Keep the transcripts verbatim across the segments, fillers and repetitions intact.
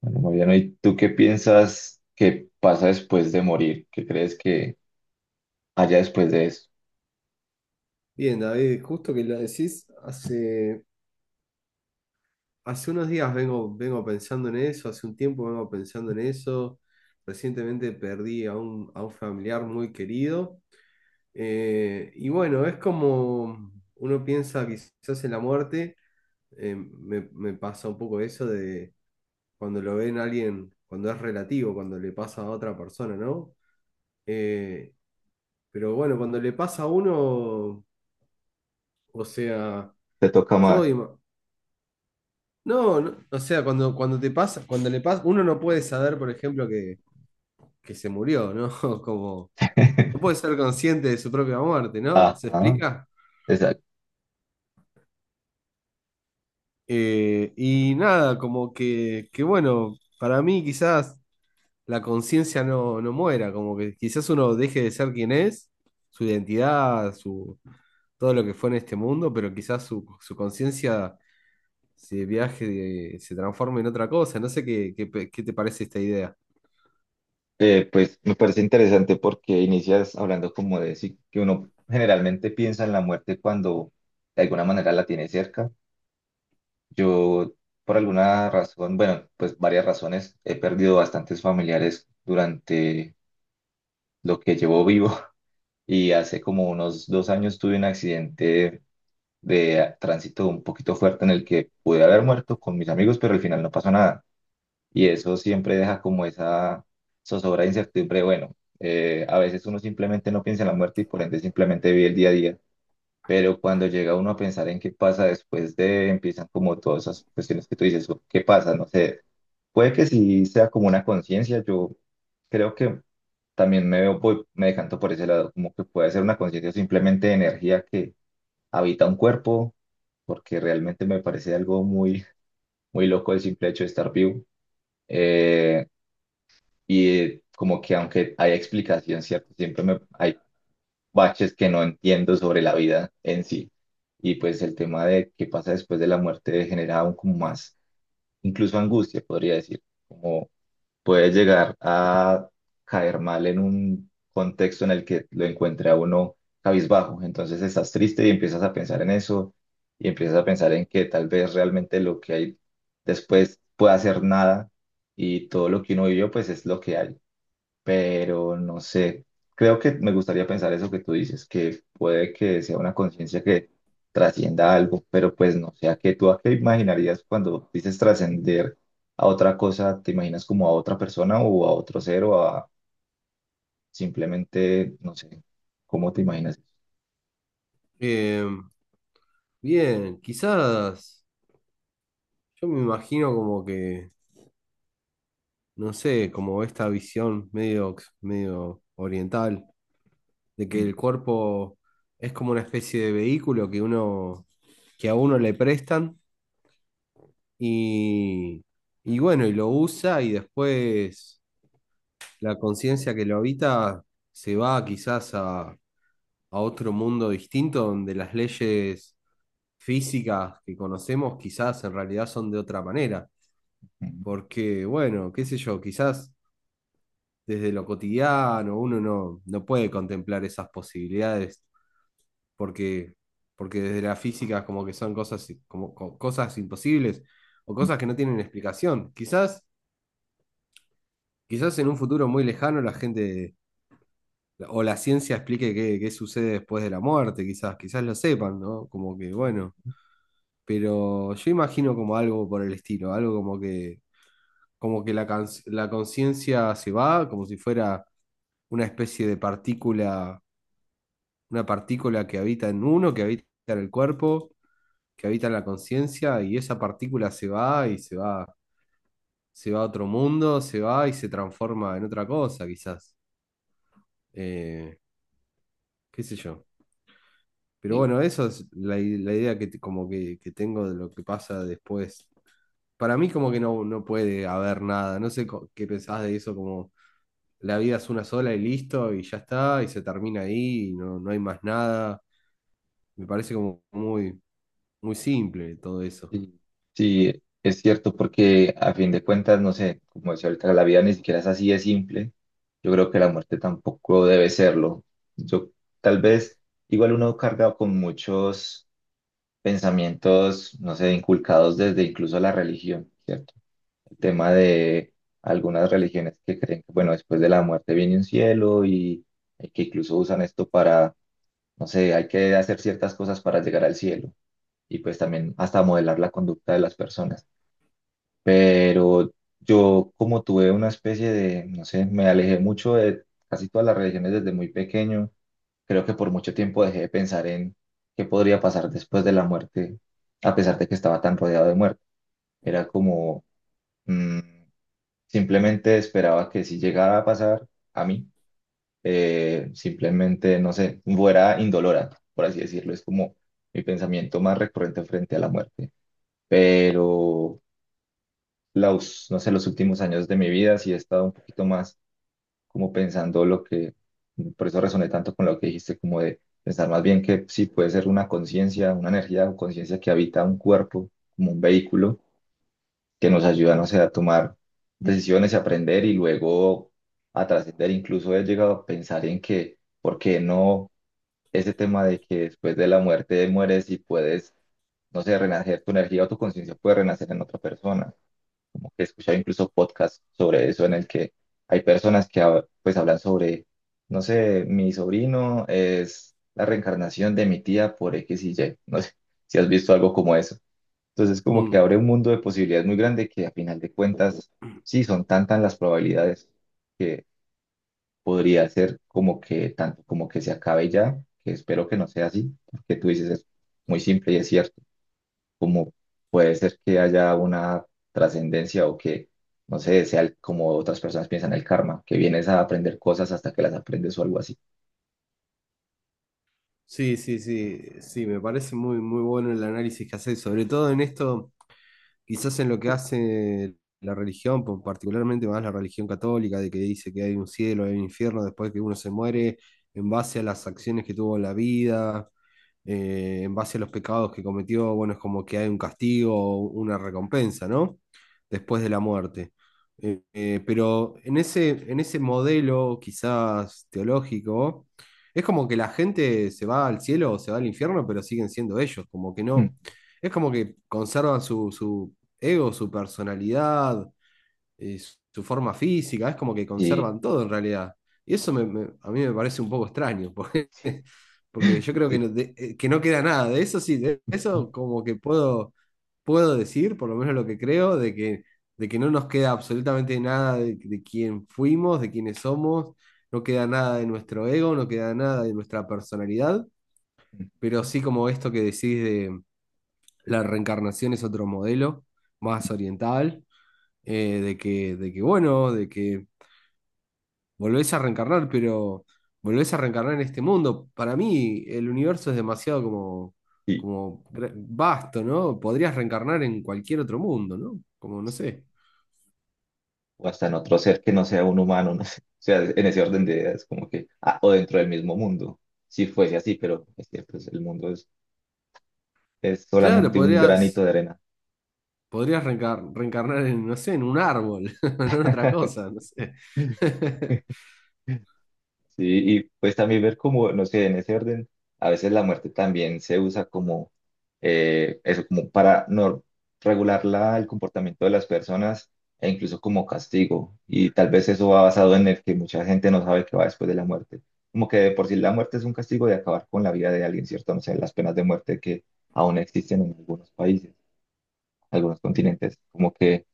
Bueno, Mariano, ¿y tú qué piensas que pasa después de morir? ¿Qué crees que haya después de eso? Bien, David, justo que lo decís, hace, hace unos días vengo, vengo pensando en eso, hace un tiempo vengo pensando en eso. Recientemente perdí a un, a un familiar muy querido. Eh, y bueno, es como uno piensa quizás en la muerte, eh, me, me pasa un poco eso de cuando lo ven a alguien, cuando es relativo, cuando le pasa a otra persona, ¿no? Eh, pero bueno, cuando le pasa a uno, o sea... ¿Te toca Yo más? ima- No, no, o sea, cuando, cuando te pasa, cuando le pasa, uno no puede saber, por ejemplo, que, que se murió, ¿no? Como, no puede ser consciente de su propia muerte, ¿no? ¿Se Ajá, explica? exacto. Eh, y nada, como que, que bueno, para mí quizás la conciencia no, no muera, como que quizás uno deje de ser quien es, su identidad, su, todo lo que fue en este mundo, pero quizás su, su conciencia se viaje, se transforme en otra cosa. No sé qué, qué, pe- qué te parece esta idea. Eh, pues me parece interesante porque inicias hablando como de sí, que uno generalmente piensa en la muerte cuando de alguna manera la tiene cerca. Yo, por alguna razón, bueno, pues varias razones, he perdido bastantes familiares durante lo que llevo vivo y hace como unos dos años tuve un accidente de tránsito un poquito fuerte en el que pude haber muerto con mis amigos, pero al final no pasó nada. Y eso siempre deja como esa zozobra de incertidumbre. Bueno, eh, a veces uno simplemente no piensa en la muerte y por ende simplemente vive el día a día. Pero cuando llega uno a pensar en qué pasa después de, empiezan como todas esas cuestiones que tú dices, o ¿qué pasa? No sé. Puede que sí sea como una conciencia. Yo creo que también me veo, voy- me decanto por ese lado, como que puede ser una conciencia o simplemente energía que habita un cuerpo, porque realmente me parece algo muy, muy loco el simple hecho de estar vivo. Eh, y eh, Como que aunque hay explicación, ¿cierto? Siempre me, hay baches que no entiendo sobre la vida en sí. Y pues el tema de qué pasa después de la muerte genera aún como más, incluso angustia, podría decir, como puede llegar a caer mal en un contexto en el que lo encuentre a uno cabizbajo. Entonces estás triste y empiezas a pensar en eso y empiezas a pensar en que tal vez realmente lo que hay después pueda ser nada y todo lo que uno vivió pues es lo que hay, pero no sé, creo que me gustaría pensar eso que tú dices, que puede que sea una conciencia que trascienda algo, pero pues no sé, ¿a qué tú a qué imaginarías cuando dices trascender a otra cosa? ¿Te imaginas como a otra persona o a otro ser o a simplemente, no sé, cómo te imaginas eso? Eh, Bien, quizás yo me imagino como que, no sé, como esta visión medio, ox- medio oriental de que Ujú, el cuerpo es como una especie de vehículo que uno, que a uno le prestan y, y bueno, y lo usa y después la conciencia que lo habita se va quizás a, a otro mundo distinto donde las leyes físicas que conocemos quizás en realidad son de otra manera. ujú, Porque, bueno, qué sé yo, quizás desde lo cotidiano uno no, no puede contemplar esas posibilidades, porque, porque desde la física como que son cosas, i- como, co- cosas imposibles o ujú. cosas que no tienen explicación. Quizás, quizás en un futuro muy lejano la gente o la ciencia explique qué, qué sucede después de la muerte, quizás, quizás lo sepan, ¿no? Como que, bueno, pero yo imagino como algo por el estilo, algo como que, como que la, cons- la conciencia se va, como si fuera una especie de partícula, una partícula que habita en uno, que habita en el cuerpo, que habita en la conciencia, y esa partícula se va y se va, se va a otro mundo, se va y se transforma en otra cosa, quizás. Eh, Qué sé yo. Pero Ok. bueno, eso es la, i- la idea que, te- como que, que tengo de lo que pasa después. Para mí como que no, no puede haber nada. No sé co- qué pensás de eso, como la vida es una sola y listo, y ya está, y se termina ahí, y no, no hay más nada. Me parece como muy, muy simple todo eso. Sí, sí, es cierto, porque a fin de cuentas, no sé, como decía ahorita, la vida ni siquiera es así de simple. Yo creo que la muerte tampoco debe serlo. Yo, tal vez, igual uno carga con muchos pensamientos, no sé, inculcados desde incluso la religión, ¿cierto? El tema de algunas religiones que creen que, bueno, después de la muerte viene un cielo y y que incluso usan esto para, no sé, hay que hacer ciertas cosas para llegar al cielo y pues también hasta modelar la conducta de las personas, pero yo como tuve una especie de, no sé, me alejé mucho de casi todas las religiones desde muy pequeño, creo que por mucho tiempo dejé de pensar en qué podría pasar después de la muerte, a pesar de que estaba tan rodeado de muerte. Era como, mm, simplemente esperaba que si llegara a pasar a mí, eh, simplemente, no sé, fuera indolora, por así decirlo, es como mi pensamiento más recurrente frente a la muerte. Pero los, no sé, los últimos años de mi vida, sí he estado un poquito más como pensando lo que, por eso resoné tanto con lo que dijiste, como de pensar más bien que sí puede ser una conciencia, una energía o conciencia que habita un cuerpo, como un vehículo, que nos ayuda, no sé, a tomar decisiones y aprender y luego a trascender. Incluso he llegado a pensar en que, ¿por qué no? Ese tema de que después de la muerte mueres y puedes, no sé, renacer tu energía o tu conciencia puede renacer en otra persona, como que he escuchado incluso podcasts sobre eso en el que hay personas que hab- pues hablan sobre, no sé, mi sobrino es la reencarnación de mi tía por X y Y, no sé si has visto algo como eso. Entonces como que Mm. abre un mundo de posibilidades muy grande que a final de cuentas, sí, son tantas las probabilidades que podría ser como que tanto como que se acabe ya, que espero que no sea así, porque tú dices es muy simple y es cierto, como puede ser que haya una trascendencia o que, no sé, sea el- como otras personas piensan el karma, que vienes a aprender cosas hasta que las aprendes o algo así. Sí, sí, sí, sí, me parece muy, muy bueno el análisis que haces, sobre todo en esto quizás en lo que hace la religión, po- particularmente más la religión católica, de que dice que hay un cielo, hay un infierno después que uno se muere, en base a las acciones que tuvo en la vida, eh, en base a los pecados que cometió, bueno, es como que hay un castigo, o una recompensa, ¿no? Después de la muerte. Eh, eh, pero en ese, en ese modelo quizás teológico, es como que la gente se va al cielo o se va al infierno, pero siguen siendo ellos, como que Mm. no. Es como que conservan su, su, ego, su personalidad, eh, su forma física, es como que Y, conservan todo en realidad. Y eso me- me- a mí me parece un poco extraño, porque, porque yo creo que sí. no, de- eh, que no queda nada. De eso sí, de eso como que puedo, puedo decir, por lo menos lo que creo, de que, de que no nos queda absolutamente nada de, de quién fuimos, de quiénes somos, no queda nada de nuestro ego, no queda nada de nuestra personalidad, Ujú. pero sí como esto que decís de la reencarnación es otro modelo más oriental, eh, de que, de que, bueno, de que volvés a reencarnar, pero volvés a reencarnar en este mundo. Para mí, el universo es demasiado como, y- como gra- vasto, ¿no? Podrías reencarnar en cualquier otro mundo, ¿no? Como, no sé. o hasta en otro ser que no sea un humano, no sé. O sea, en ese orden de ideas, como que, ah, o dentro del mismo mundo, si fuese así, pero es que pues, el mundo es, es Claro, solamente un granito podrías, de arena. podrías reencar- reencarnar en, no sé, en un árbol, en otra cosa, no sé. Sí, y pues también ver cómo, no sé, en ese orden, a veces la muerte también se usa como eh, eso, como para no regular la- el comportamiento de las personas e incluso como castigo. Y tal vez eso va basado en el que mucha gente no sabe qué va después de la muerte. Como que de por sí la muerte es un castigo de acabar con la vida de alguien, ¿cierto? No sé, las penas de muerte que aún existen en algunos países, algunos continentes, como que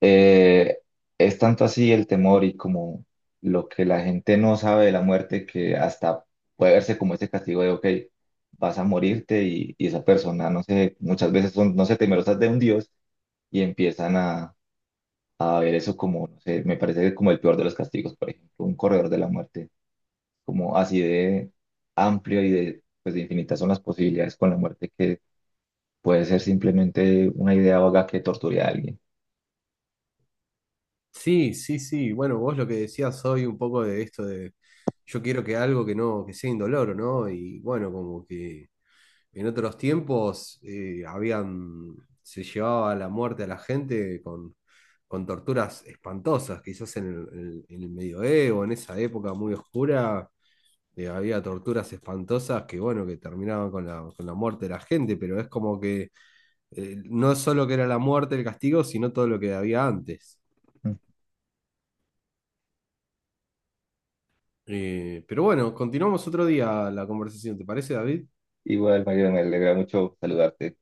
eh, es tanto así el temor y como lo que la gente no sabe de la muerte que hasta puede verse como ese castigo de, ok, vas a morirte, y, y esa persona, no sé, muchas veces son, no sé, temerosas de un dios y empiezan a, a ver eso como, no sé, me parece como el peor de los castigos, por ejemplo, un corredor de la muerte, como así de amplio y de, pues de infinitas son las posibilidades con la muerte que puede ser simplemente una idea vaga que torture a alguien. Sí, sí, sí. Bueno, vos lo que decías hoy un poco de esto de yo quiero que algo que no, que sea indoloro, ¿no? Y bueno, como que en otros tiempos eh, habían, se llevaba la muerte a la gente con, con torturas espantosas, quizás en el, en el- en el medioevo, en esa época muy oscura, eh, había torturas espantosas que, bueno, que terminaban con la, con la muerte de la gente, pero es como que eh, no solo que era la muerte el castigo, sino todo lo que había antes. Mm. Eh, pero bueno, continuamos otro día la conversación, ¿te parece, David? Igual, Mario, me alegra mucho saludarte.